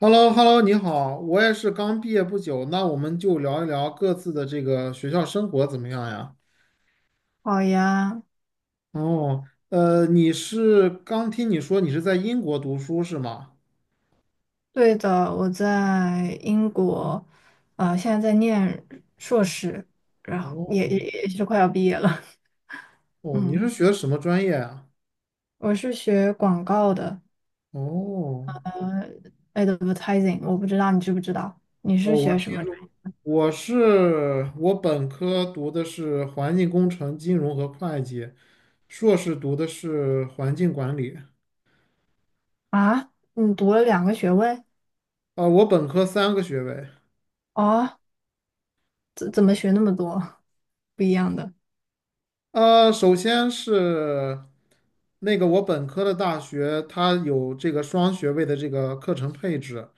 h e l l o h e l l o 你好，我也是刚毕业不久，那我们就聊一聊各自的这个学校生活怎么样呀？好呀。哦，你是刚听你说你是在英国读书是吗？对的，我在英国，现在在念硕士，然后也哦也也是快要毕业了。哦，你是嗯，学什么专业啊？我是学广告的哦，，advertising,我不知道你知不知道，你哦，是学什么专业我本科读的是环境工程、金融和会计，硕士读的是环境管理。啊？你读了2个学位？啊、我本科3个学位。哦，怎么学那么多 不一样的？首先是那个我本科的大学，它有这个双学位的这个课程配置，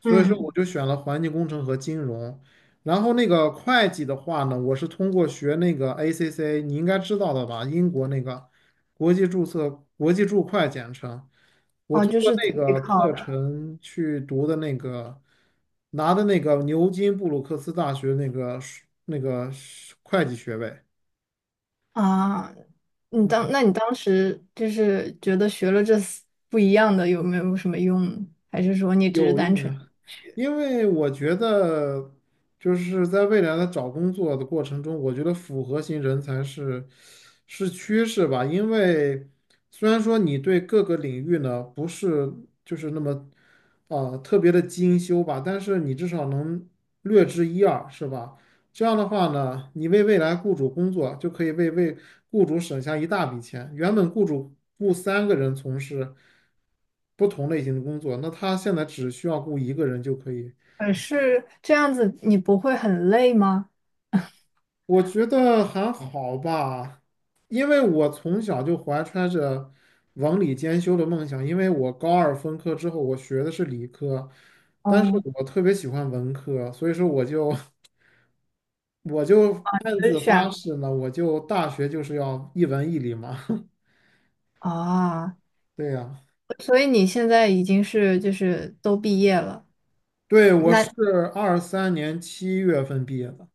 所以说我嗯。就选了环境工程和金融。然后那个会计的话呢，我是通过学那个 ACC 你应该知道的吧？英国那个国际注册、国际注会简称。我哦，通就过是自那己个考。课的。程去读的那个，拿的那个牛津布鲁克斯大学那个会计学位。嗯啊，那你当时就是觉得学了这四不一样的有没有什么用，还是说你只是有单用纯呀，学？因为我觉得就是在未来的找工作的过程中，我觉得复合型人才是趋势吧。因为虽然说你对各个领域呢不是就是那么啊、特别的精修吧，但是你至少能略知一二，是吧？这样的话呢，你为未来雇主工作，就可以为雇主省下一大笔钱。原本雇主雇3个人从事不同类型的工作，那他现在只需要雇一个人就可以。而是这样子你不会很累吗？我觉得还好吧，因为我从小就怀揣着文理兼修的梦想。因为我高二分科之后，我学的是理科，但是哦，我特别喜欢文科，所以说我就 我就暗就是自发选誓呢，我就大学就是要一文一理嘛。啊，对呀、所以你现在已经是就是都毕业了，对，我那是23年7月份毕业的，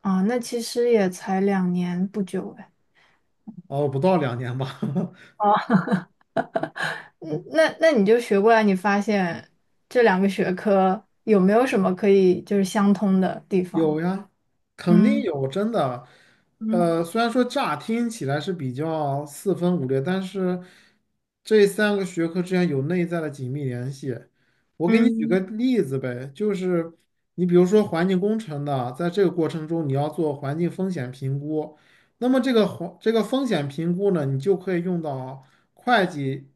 啊，那其实也才2年不久哎。哦，不到2年吧。哦，嗯，那你就学过来，你发现这两个学科有没有什么可以就是相通的地方？有呀，肯定嗯。有，真的。嗯。虽然说乍听起来是比较四分五裂，但是这三个学科之间有内在的紧密联系。我给你举个嗯例子呗，就是你比如说环境工程的，在这个过程中你要做环境风险评估，那么这个环这个风险评估呢，你就可以用到会计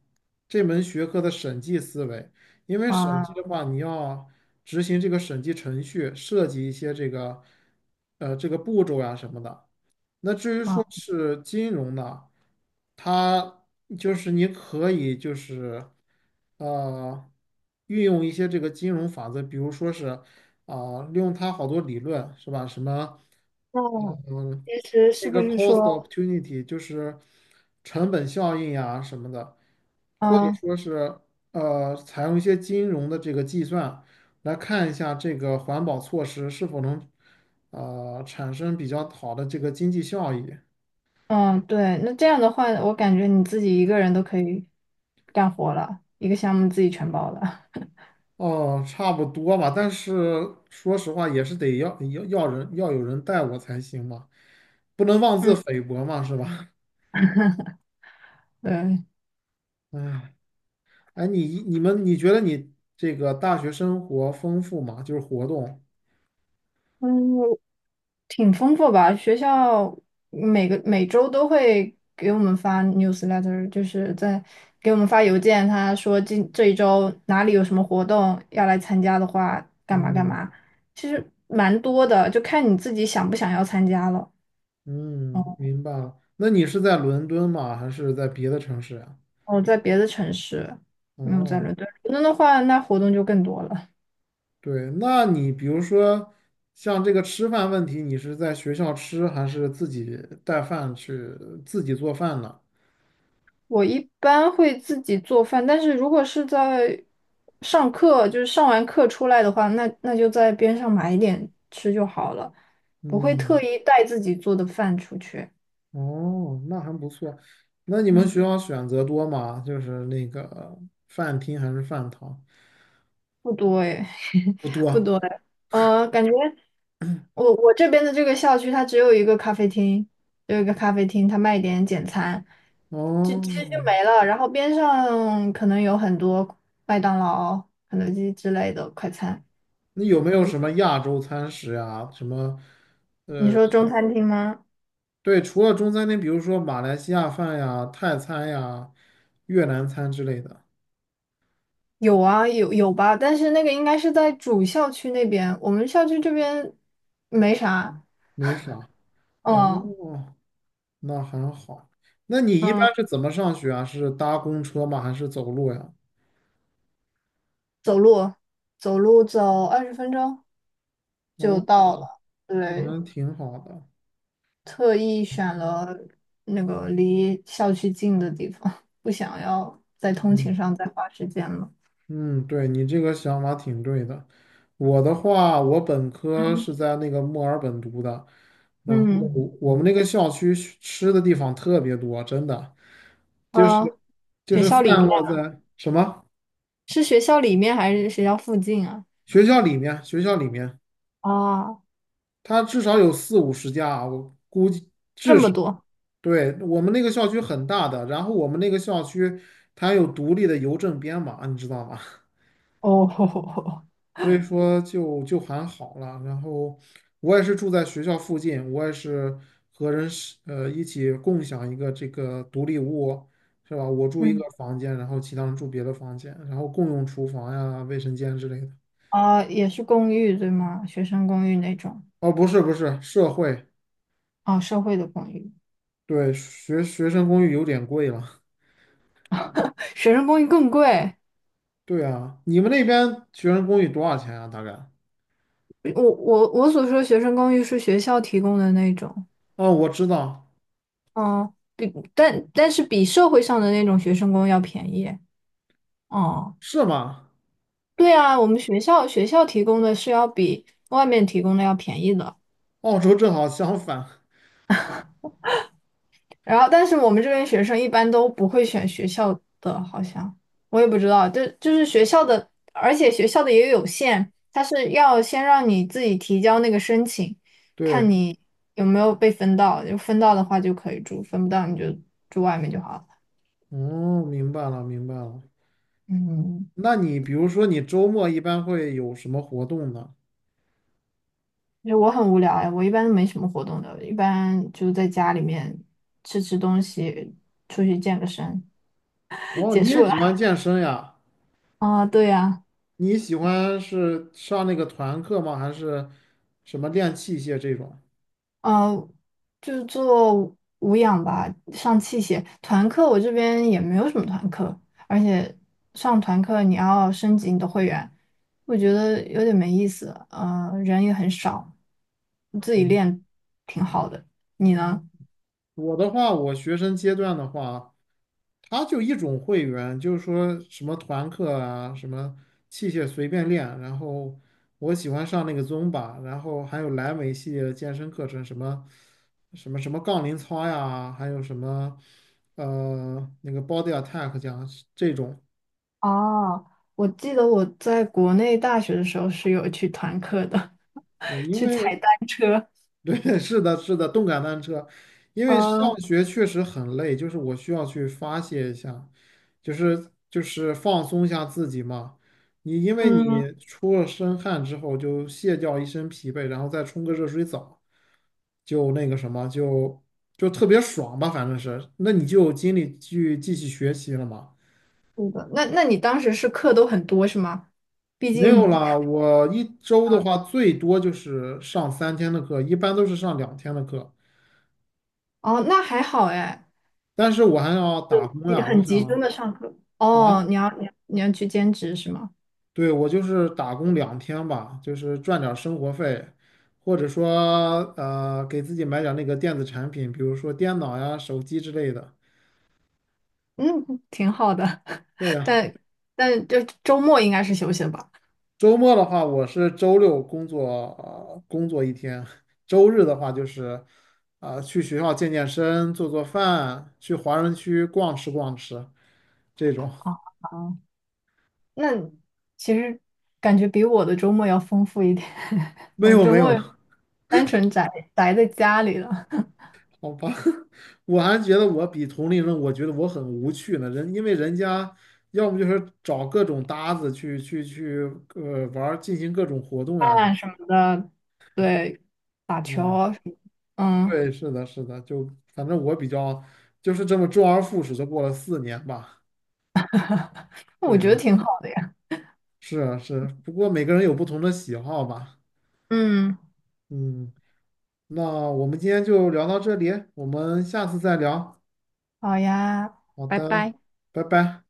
这门学科的审计思维，因为审啊。计的话，执行这个审计程序，涉及一些这个这个步骤呀、什么的。那至于啊，说是金融呢，它就是你可以就是。呃，运用一些这个金融法则，比如说是啊、利用它好多理论是吧？什么那嗯，其实那是不个 是 cost 说，opportunity 就是成本效应呀什么的，嗯或者啊。说是采用一些金融的这个计算来看一下这个环保措施是否能产生比较好的这个经济效益。嗯，对，那这样的话，我感觉你自己一个人都可以干活了，一个项目自己全包了。哦，差不多吧，但是说实话，也是得要要要人要有人带我才行嘛，不能妄自嗯。菲薄嘛，是吧？对。哎，哎，你觉得你这个大学生活丰富吗？就是活动，嗯，挺丰富吧？学校每周都会给我们发 newsletter,就是在给我们发邮件，他说今这一周哪里有什么活动要来参加的话，干嘛干嗯嘛。其实蛮多的，就看你自己想不想要参加了。嗯，明白了。那你是在伦敦吗？还是在别的城市呀？我在别的城市，没有在哦，伦敦。伦敦的话，那活动就更多了。对，那你比如说像这个吃饭问题，你是在学校吃还是自己带饭去自己做饭呢？我一般会自己做饭，但是如果是在上课，就是上完课出来的话，那就在边上买一点吃就好了，不会特嗯。意带自己做的饭出去。哦，那还不错。那你们嗯，学校选择多吗？就是那个饭厅还是饭堂？不多哎，不 不多。多哎。感觉我这边的这个校区，它只有一个咖啡厅，只有一个咖啡厅，它卖一点简餐，就哦，其实就没了。然后边上可能有很多麦当劳、肯德基之类的快餐。那有没有什么亚洲餐食呀？什么？你说中餐厅吗？对，除了中餐厅，比如说马来西亚饭呀、泰餐呀、越南餐之类的，有啊，有吧，但是那个应该是在主校区那边，我们校区这边没啥。没啥。哦，嗯。那还好。那你一嗯，般是怎么上学啊？是搭公车吗？还是走路呀？走路走路走20分钟就哦，到了。那对，还挺好的。特意选了那个离校区近的地方，不想要在通嗯。勤上再花时间了。嗯，对，你这个想法挺对的。我的话，我本科嗯。是在那个墨尔本读的，然后嗯。我们那个校区吃的地方特别多，真的，就呃，是学校里散面，落在什么是学校里面还是学校附近啊？学校里面，啊，它至少有四五十家啊我估计。这么多。对，我们那个校区很大的，然后我们那个校区它有独立的邮政编码，你知道吗？哦，所以说就还好了。然后我也是住在学校附近，我也是和人是一起共享一个这个独立屋，是吧？我住一个嗯。房间，然后其他人住别的房间，然后共用厨房呀、卫生间之类的。啊，也是公寓对吗？学生公寓那种哦，不是不是，社会，啊，社会的公寓，对，学生公寓有点贵了。学生公寓更贵。对啊，你们那边学生公寓多少钱啊？大概？我所说的学生公寓是学校提供的那种。哦，我知道，嗯，但是比社会上的那种学生公寓要便宜。哦。是吗？对啊，我们学校提供的是要比外面提供的要便宜的，澳洲正好相反。然后但是我们这边学生一般都不会选学校的，好像我也不知道，就是学校的，而且学校的也有限，它是要先让你自己提交那个申请，对，看你有没有被分到，就分到的话就可以住，分不到你就住外面就好了。哦，明白了，明白了。嗯，那你比如说，你周末一般会有什么活动呢？就为我很无聊哎，我一般都没什么活动的，一般就在家里面吃吃东西，出去健个身。哦，结你也束了 喜欢健身呀？啊，对呀。你喜欢是上那个团课吗？还是什么练器械这种？呃，就做无氧吧，上器械。团课我这边也没有什么团课，而且上团课你要升级你的会员，我觉得有点没意思。人也很少，自己练挺好的。你呢？我的话，我学生阶段的话，他就一种会员，就是说什么团课啊，什么器械随便练，然后我喜欢上那个 Zumba 然后还有莱美系列的健身课程，什么杠铃操呀，还有什么那个 Body Attack 讲这种，哦，我记得我在国内大学的时候是有去团课的，对，因去为踩单车。对，是的，是的，动感单车，因为上呃。学确实很累，就是我需要去发泄一下，就是放松一下自己嘛。你因为嗯，你出了身汗之后，就卸掉一身疲惫，然后再冲个热水澡，就那个什么，就特别爽吧，反正是。那你就有精力去继续学习了嘛。是的。那那你当时是课都很多是吗？毕没有竟啦，我一周的话最多就是上3天的课，一般都是上两天的课，哦，那还好哎。但是我还要打工呀，我很集中想。的上课。啊，哦，你要你要去兼职是吗？对，我就是打工两天吧，就是赚点儿生活费，或者说给自己买点儿那个电子产品，比如说电脑呀、手机之类的。嗯，挺好的。对呀，但但就周末应该是休息的吧？周末的话，我是周六工作，工作一天，周日的话就是去学校健健身、做做饭，去华人区逛吃逛吃这种。哦，好。那其实感觉比我的周末要丰富一点，没我有周没有末了。单纯宅在家里了，好吧，我还觉得我比同龄人，我觉得我很无趣呢。人因为人家要么就是找各种搭子去玩儿，进行各种活动呀、看什么的，对，打球嗯，啊什么。嗯，对，是的，是的，就反正我比较就是这么周而复始的过了4年吧。我对觉得啊，挺好的呀。是啊，是啊，不过每个人有不同的喜好吧。嗯，嗯，那我们今天就聊到这里，我们下次再聊。好呀，好拜的，拜。拜拜。